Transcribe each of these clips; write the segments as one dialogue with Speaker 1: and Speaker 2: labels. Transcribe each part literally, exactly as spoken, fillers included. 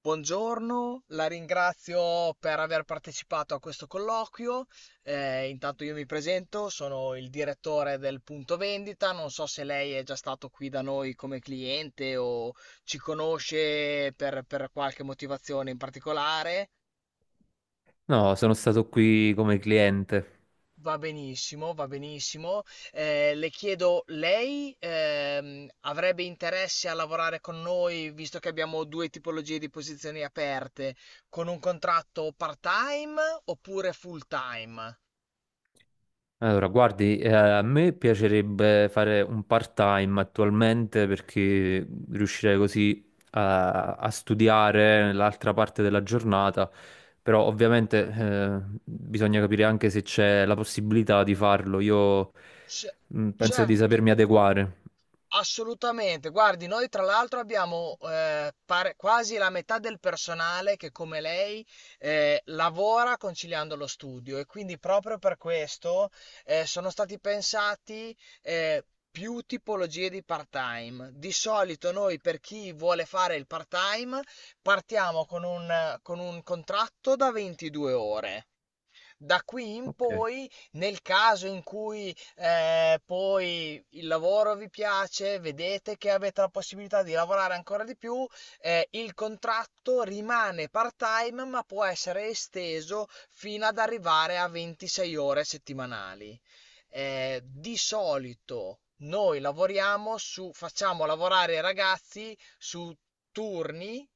Speaker 1: Buongiorno, la ringrazio per aver partecipato a questo colloquio. Eh, intanto io mi presento, sono il direttore del punto vendita. Non so se lei è già stato qui da noi come cliente o ci conosce per, per qualche motivazione in particolare.
Speaker 2: No, sono stato qui come cliente.
Speaker 1: Va benissimo, va benissimo. Eh, le chiedo, lei ehm, avrebbe interesse a lavorare con noi, visto che abbiamo due tipologie di posizioni aperte, con un contratto part-time oppure full-time?
Speaker 2: Allora, guardi, eh, a me piacerebbe fare un part-time attualmente perché riuscirei così a, a studiare l'altra parte della giornata, però ovviamente eh, bisogna capire anche se c'è la possibilità di farlo. Io
Speaker 1: Ce-
Speaker 2: mm, penso di
Speaker 1: certo,
Speaker 2: sapermi adeguare.
Speaker 1: assolutamente, guardi, noi tra l'altro abbiamo eh, pare- quasi la metà del personale che come lei eh, lavora conciliando lo studio, e quindi proprio per questo eh, sono stati pensati eh, più tipologie di part-time. Di solito noi per chi vuole fare il part-time partiamo con un, con un contratto da ventidue ore. Da qui in
Speaker 2: Ok.
Speaker 1: poi, nel caso in cui eh, poi il lavoro vi piace, vedete che avete la possibilità di lavorare ancora di più, eh, il contratto rimane part-time, ma può essere esteso fino ad arrivare a ventisei ore settimanali. Eh, di solito noi lavoriamo su, facciamo lavorare i ragazzi su turni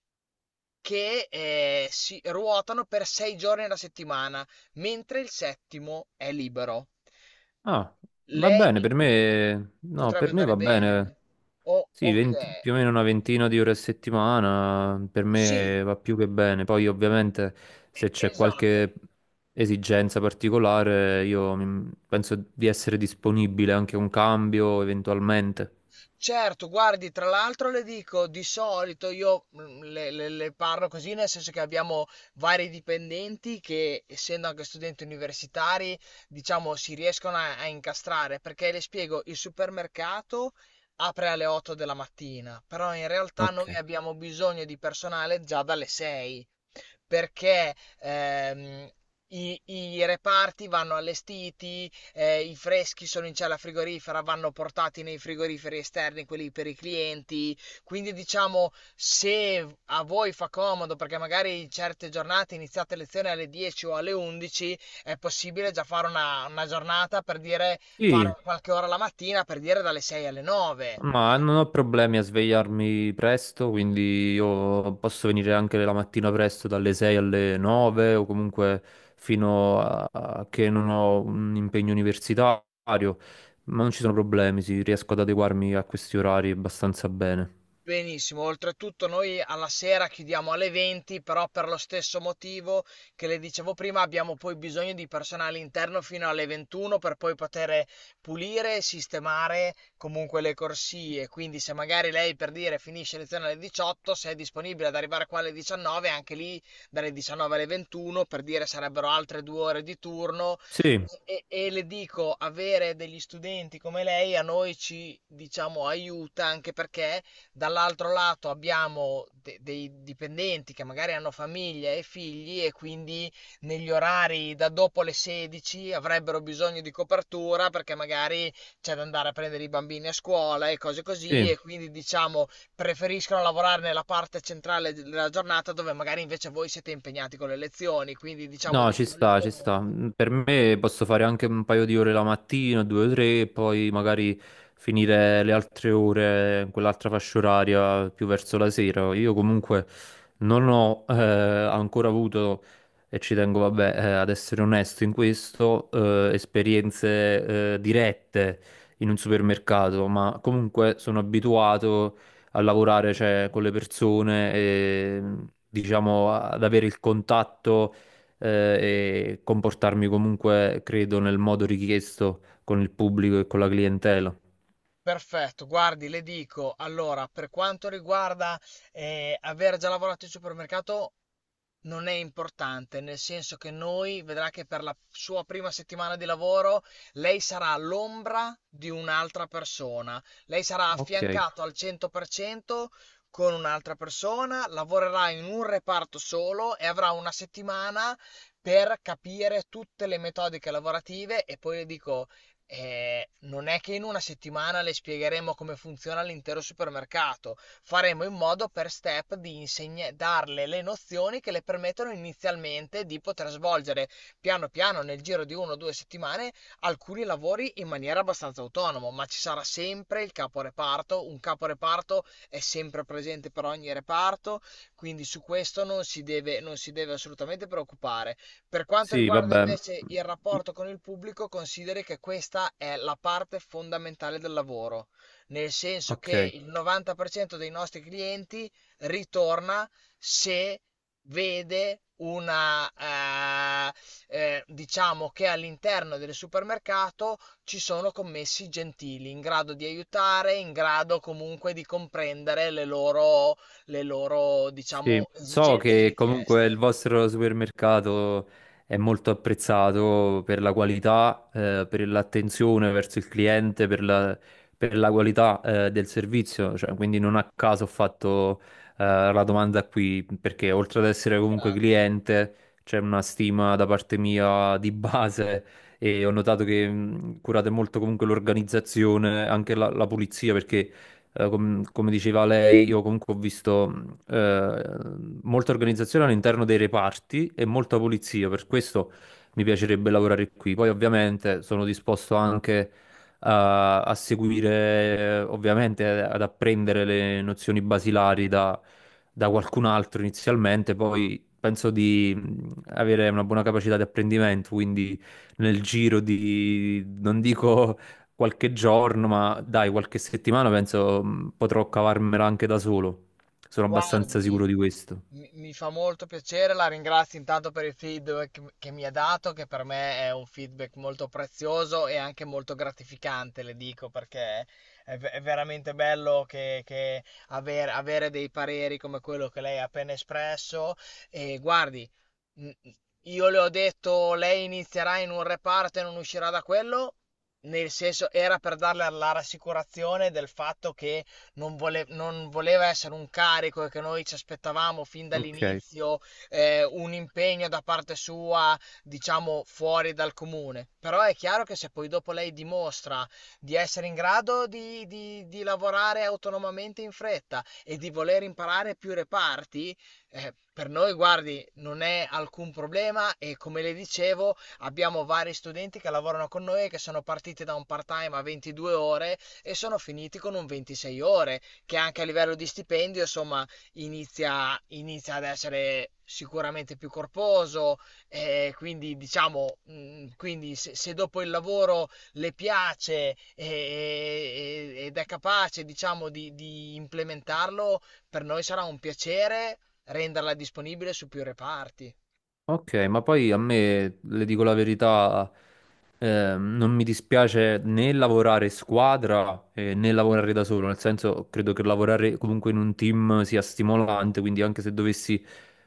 Speaker 1: che, ehm, si ruotano per sei giorni alla settimana, mentre il settimo è libero.
Speaker 2: Ah, va
Speaker 1: Lei
Speaker 2: bene, per me, no,
Speaker 1: potrebbe
Speaker 2: per me
Speaker 1: andare
Speaker 2: va bene.
Speaker 1: bene. O
Speaker 2: Sì, venti,
Speaker 1: okay.
Speaker 2: più o meno una ventina di ore a settimana per
Speaker 1: Sì,
Speaker 2: me va più che bene. Poi ovviamente
Speaker 1: e
Speaker 2: se c'è
Speaker 1: esatto.
Speaker 2: qualche esigenza particolare io mi- penso di essere disponibile anche a un cambio eventualmente.
Speaker 1: Certo, guardi, tra l'altro le dico, di solito io mm, le, le- le parlo così, nel senso che abbiamo vari dipendenti che, essendo anche studenti universitari, diciamo, si riescono a, a incastrare, perché le spiego, il supermercato apre alle otto della mattina, però in realtà
Speaker 2: Ok.
Speaker 1: noi abbiamo bisogno di personale già dalle sei, perché ehm, i, i reparti vanno allestiti, eh, i freschi sono in cella frigorifera, vanno portati nei frigoriferi esterni, quelli per i clienti. Quindi diciamo, se a voi fa comodo, perché magari in certe giornate iniziate lezione alle dieci o alle undici, è possibile già fare una, una giornata per dire,
Speaker 2: Sì.
Speaker 1: fare qualche ora la mattina, per dire dalle sei alle nove.
Speaker 2: Ma non ho problemi a svegliarmi presto, quindi io posso venire anche la mattina presto dalle sei alle nove, o comunque fino a a che non ho un impegno universitario, ma non ci sono problemi, sì, riesco ad adeguarmi a questi orari abbastanza bene.
Speaker 1: Benissimo, oltretutto noi alla sera chiudiamo alle venti, però per lo stesso motivo che le dicevo prima, abbiamo poi bisogno di personale interno fino alle ventuno per poi poter pulire e sistemare comunque le corsie. Quindi se magari lei per dire finisce lezione alle diciotto, se è disponibile ad arrivare qua alle diciannove, anche lì dalle diciannove alle ventuno, per dire sarebbero altre due ore di turno.
Speaker 2: Sì,
Speaker 1: E, e le dico, avere degli studenti come lei a noi ci, diciamo, aiuta anche, perché dall'altro lato abbiamo de- dei dipendenti che magari hanno famiglia e figli, e quindi negli orari da dopo le sedici avrebbero bisogno di copertura, perché magari c'è da andare a prendere i bambini a scuola e cose così,
Speaker 2: sì.
Speaker 1: e quindi diciamo preferiscono lavorare nella parte centrale della giornata dove magari invece voi siete impegnati con le lezioni, quindi diciamo
Speaker 2: No,
Speaker 1: di
Speaker 2: ci sta, ci
Speaker 1: solito.
Speaker 2: sta. Mm. Per me posso fare anche un paio di ore la mattina, due o tre, e poi magari finire le altre ore, quell'altra fascia oraria più verso la sera. Io comunque non ho eh, ancora avuto, e ci tengo, vabbè, eh, ad essere onesto in questo, eh, esperienze eh, dirette in un supermercato, ma comunque sono abituato a lavorare, cioè, con le persone e diciamo ad avere il contatto, eh, e comportarmi comunque, credo, nel modo richiesto con il pubblico e con la clientela.
Speaker 1: Perfetto, guardi, le dico, allora, per quanto riguarda eh, aver già lavorato in supermercato, non è importante, nel senso che noi vedrà che per la sua prima settimana di lavoro lei sarà l'ombra di un'altra persona. Lei sarà
Speaker 2: Ok,
Speaker 1: affiancato al cento per cento con un'altra persona, lavorerà in un reparto solo e avrà una settimana per capire tutte le metodiche lavorative, e poi le dico eh, non è che in una settimana le spiegheremo come funziona l'intero supermercato, faremo in modo per step di insegne- darle le nozioni che le permettono inizialmente di poter svolgere piano piano nel giro di una o due settimane alcuni lavori in maniera abbastanza autonoma, ma ci sarà sempre il caporeparto, un caporeparto è sempre presente per ogni reparto, quindi su questo non si deve, non si deve assolutamente preoccupare. Per quanto
Speaker 2: sì,
Speaker 1: riguarda
Speaker 2: vabbè.
Speaker 1: invece il rapporto con il pubblico, consideri che questa è la parte fondamentale del lavoro, nel senso che
Speaker 2: Ok.
Speaker 1: il novanta per cento dei nostri clienti ritorna se vede una eh, eh, diciamo, che all'interno del supermercato ci sono commessi gentili in grado di aiutare, in grado comunque di comprendere le loro le loro,
Speaker 2: Sì,
Speaker 1: diciamo,
Speaker 2: so
Speaker 1: esigenze e
Speaker 2: che comunque il
Speaker 1: richieste.
Speaker 2: vostro supermercato è molto apprezzato per la qualità, eh, per l'attenzione verso il cliente, per la, per la qualità, eh, del servizio, cioè, quindi non a caso ho fatto, eh, la domanda qui, perché oltre ad essere comunque
Speaker 1: Ringrazio.
Speaker 2: cliente, c'è una stima da parte mia di base, e ho notato che mh, curate molto comunque l'organizzazione, anche la la pulizia, perché eh, com- come diceva lei, io comunque ho visto. mm, eh, molta organizzazione all'interno dei reparti e molta pulizia, per questo mi piacerebbe lavorare qui. Poi ovviamente sono disposto anche a, a seguire, eh, ovviamente eh, ad apprendere le nozioni basilari da, da qualcun altro inizialmente, poi penso di mh, avere una buona capacità di apprendimento, quindi nel giro di, non dico qualche giorno, ma dai, qualche settimana penso mh, potrò cavarmela anche da solo. Sono abbastanza
Speaker 1: Guardi,
Speaker 2: sicuro di questo.
Speaker 1: mi mi fa molto piacere, la ringrazio intanto per il feedback che mi ha dato, che per me è un feedback molto prezioso e anche molto gratificante, le dico, perché è, ve- è veramente bello che, che aver- avere dei pareri come quello che lei ha appena espresso. E guardi, mh, io le ho detto, lei inizierà in un reparto e non uscirà da quello. Nel senso, era per darle la rassicurazione del fatto che non, vole- non voleva essere un carico e che noi ci aspettavamo fin
Speaker 2: Ok.
Speaker 1: dall'inizio eh, un impegno da parte sua, diciamo, fuori dal comune. Però è chiaro che se poi dopo lei dimostra di essere in grado di, di- di lavorare autonomamente in fretta e di voler imparare più reparti, eh, per noi, guardi, non è alcun problema, e come le dicevo, abbiamo vari studenti che lavorano con noi e che sono partiti da un part-time a ventidue ore e sono finiti con un ventisei ore, che anche a livello di stipendio, insomma, inizia, inizia ad essere sicuramente più corposo. Eh, quindi, diciamo, mh, quindi se, se dopo il lavoro le piace e- e- ed è capace, diciamo, di, di implementarlo, per noi sarà un piacere renderla disponibile su più reparti.
Speaker 2: Ok, ma poi a me, le dico la verità, eh, non mi dispiace né lavorare in squadra, eh, né lavorare da solo, nel senso credo che lavorare comunque in un team sia stimolante, quindi anche se dovessi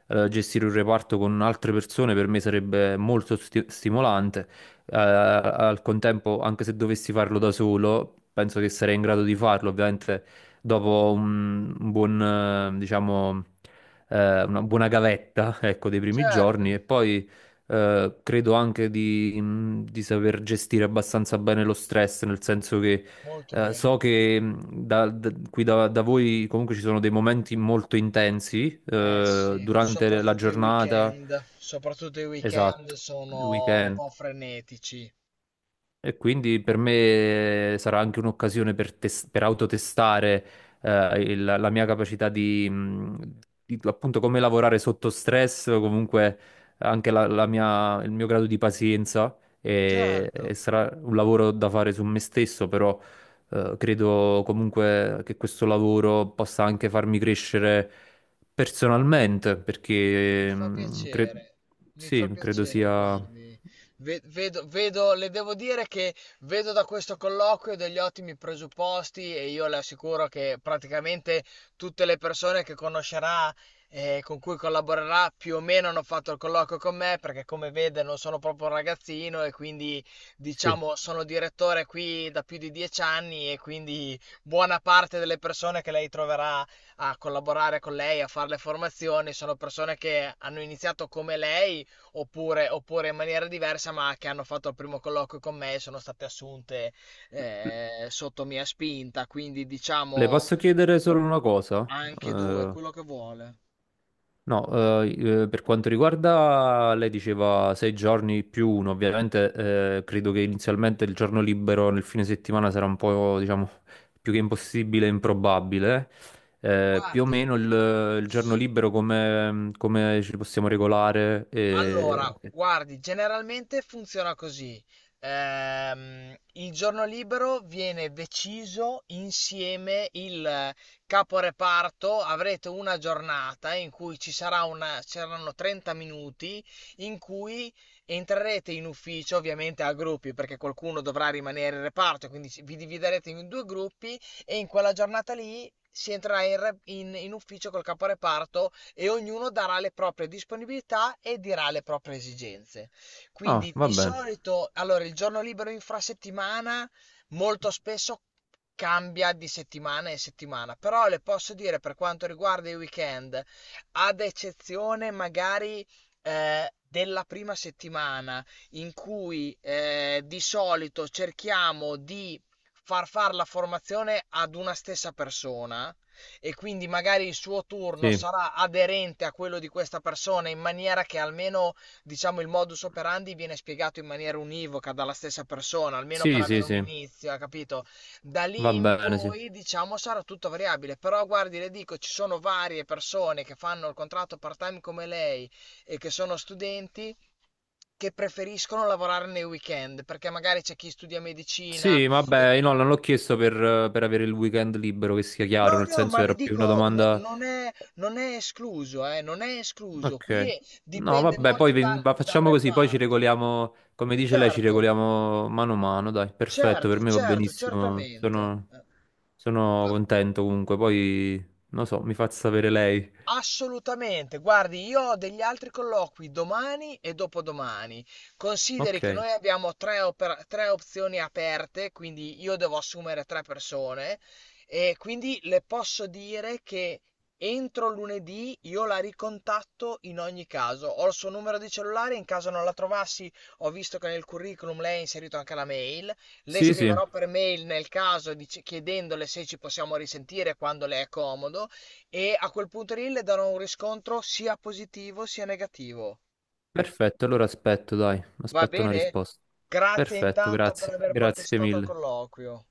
Speaker 2: eh, gestire un reparto con altre persone per me sarebbe molto sti- stimolante. Eh, al contempo anche se dovessi farlo da solo, penso che sarei in grado di farlo, ovviamente dopo un, un buon, eh, diciamo... eh, una buona gavetta, ecco, dei primi
Speaker 1: Certo,
Speaker 2: giorni, e poi eh, credo anche di, mh, di saper gestire abbastanza bene lo stress, nel senso che
Speaker 1: molto
Speaker 2: eh, so
Speaker 1: bene.
Speaker 2: che mh, da- da- qui da, da voi comunque ci sono dei momenti molto intensi
Speaker 1: Eh
Speaker 2: eh,
Speaker 1: sì,
Speaker 2: durante la
Speaker 1: soprattutto i
Speaker 2: giornata,
Speaker 1: weekend, soprattutto i weekend
Speaker 2: esatto, il
Speaker 1: sono un
Speaker 2: weekend.
Speaker 1: po' frenetici.
Speaker 2: E quindi per me sarà anche un'occasione per, tes- per autotestare eh, il- la mia capacità di, mh, di- appunto come lavorare sotto stress, o comunque anche la- la mia- il mio grado di pazienza, e, e
Speaker 1: Certo.
Speaker 2: sarà un lavoro da fare su me stesso, però eh, credo comunque che questo lavoro possa anche farmi crescere personalmente,
Speaker 1: Mi
Speaker 2: perché
Speaker 1: fa
Speaker 2: mh, cre-
Speaker 1: piacere, mi fa
Speaker 2: sì, credo
Speaker 1: piacere,
Speaker 2: sia...
Speaker 1: guardi, Ve- vedo, vedo, le devo dire che vedo da questo colloquio degli ottimi presupposti, e io le assicuro che praticamente tutte le persone che conoscerà e con cui collaborerà più o meno hanno fatto il colloquio con me, perché come vede non sono proprio un ragazzino, e quindi
Speaker 2: sì.
Speaker 1: diciamo sono direttore qui da più di dieci anni, e quindi buona parte delle persone che lei troverà a collaborare con lei, a fare le formazioni, sono persone che hanno iniziato come lei, oppure, oppure in maniera diversa, ma che hanno fatto il primo colloquio con me e sono state assunte eh, sotto mia spinta, quindi
Speaker 2: Le
Speaker 1: diciamo.
Speaker 2: posso chiedere solo una cosa?
Speaker 1: Anche due,
Speaker 2: Eh,
Speaker 1: quello che vuole.
Speaker 2: no, eh, eh, per quanto riguarda, lei diceva sei giorni più uno, ovviamente eh, credo che inizialmente il giorno libero nel fine settimana sarà un po', diciamo, più che impossibile, improbabile. Eh, più o
Speaker 1: Guardi,
Speaker 2: meno il, il giorno libero come, come ci possiamo regolare? E...
Speaker 1: allora, guardi, generalmente funziona così. Ehm, il giorno libero viene deciso insieme il caporeparto. Avrete una giornata in cui ci sarà una, ci saranno trenta minuti in cui entrerete in ufficio, ovviamente a gruppi, perché qualcuno dovrà rimanere in reparto, quindi ci- vi dividerete in due gruppi, e in quella giornata lì si entrerà in, re- in in ufficio col caporeparto, e ognuno darà le proprie disponibilità e dirà le proprie esigenze.
Speaker 2: Ah,
Speaker 1: Quindi
Speaker 2: va
Speaker 1: di
Speaker 2: bene.
Speaker 1: solito, allora, il giorno libero infrasettimana molto spesso cambia di settimana in settimana, però le posso dire per quanto riguarda i weekend, ad eccezione magari eh, della prima settimana in cui eh, di solito cerchiamo di far fare la formazione ad una stessa persona, e quindi magari il suo turno
Speaker 2: Sì,
Speaker 1: sarà aderente a quello di questa persona in maniera che almeno diciamo il modus operandi viene spiegato in maniera univoca dalla stessa persona, almeno per
Speaker 2: sì, sì,
Speaker 1: avere un
Speaker 2: sì,
Speaker 1: inizio, ha capito? Da
Speaker 2: va
Speaker 1: lì in
Speaker 2: bene, sì.
Speaker 1: poi diciamo sarà tutto variabile, però guardi, le dico, ci sono varie persone che fanno il contratto part-time come lei e che sono studenti che preferiscono lavorare nei weekend, perché magari c'è chi studia medicina
Speaker 2: Sì,
Speaker 1: e
Speaker 2: vabbè, io no, non
Speaker 1: quindi.
Speaker 2: l'ho chiesto per, per avere il weekend libero, che sia
Speaker 1: No,
Speaker 2: chiaro, nel
Speaker 1: no, ma
Speaker 2: senso era
Speaker 1: le
Speaker 2: più una
Speaker 1: dico, no-
Speaker 2: domanda...
Speaker 1: non è, non è escluso, eh, non è escluso.
Speaker 2: Ok.
Speaker 1: Qui è-
Speaker 2: No,
Speaker 1: dipende
Speaker 2: vabbè, poi
Speaker 1: molto
Speaker 2: ven-
Speaker 1: dal,
Speaker 2: va-
Speaker 1: dal
Speaker 2: facciamo così, poi ci
Speaker 1: reparto.
Speaker 2: regoliamo, come dice lei, ci
Speaker 1: Certo,
Speaker 2: regoliamo mano a mano, dai, perfetto, per
Speaker 1: certo,
Speaker 2: me va
Speaker 1: certo,
Speaker 2: benissimo,
Speaker 1: certamente.
Speaker 2: sono,
Speaker 1: Eh,
Speaker 2: sono
Speaker 1: eh,
Speaker 2: contento comunque, poi, non so, mi fa sapere lei.
Speaker 1: Assolutamente. Guardi, io ho degli altri colloqui domani e dopodomani. Consideri
Speaker 2: Ok,
Speaker 1: che noi abbiamo tre, opera- tre opzioni aperte, quindi io devo assumere tre persone, e quindi le posso dire che entro lunedì io la ricontatto in ogni caso. Ho il suo numero di cellulare, in caso non la trovassi, ho visto che nel curriculum lei ha inserito anche la mail. Le
Speaker 2: sì, sì,
Speaker 1: scriverò per mail nel caso dic- chiedendole se ci possiamo risentire quando le è comodo, e a quel punto lì le darò un riscontro sia positivo sia negativo.
Speaker 2: perfetto, allora aspetto, dai,
Speaker 1: Va
Speaker 2: aspetto una
Speaker 1: bene?
Speaker 2: risposta.
Speaker 1: Grazie
Speaker 2: Perfetto,
Speaker 1: intanto per
Speaker 2: grazie,
Speaker 1: aver
Speaker 2: grazie
Speaker 1: partecipato al
Speaker 2: mille.
Speaker 1: colloquio.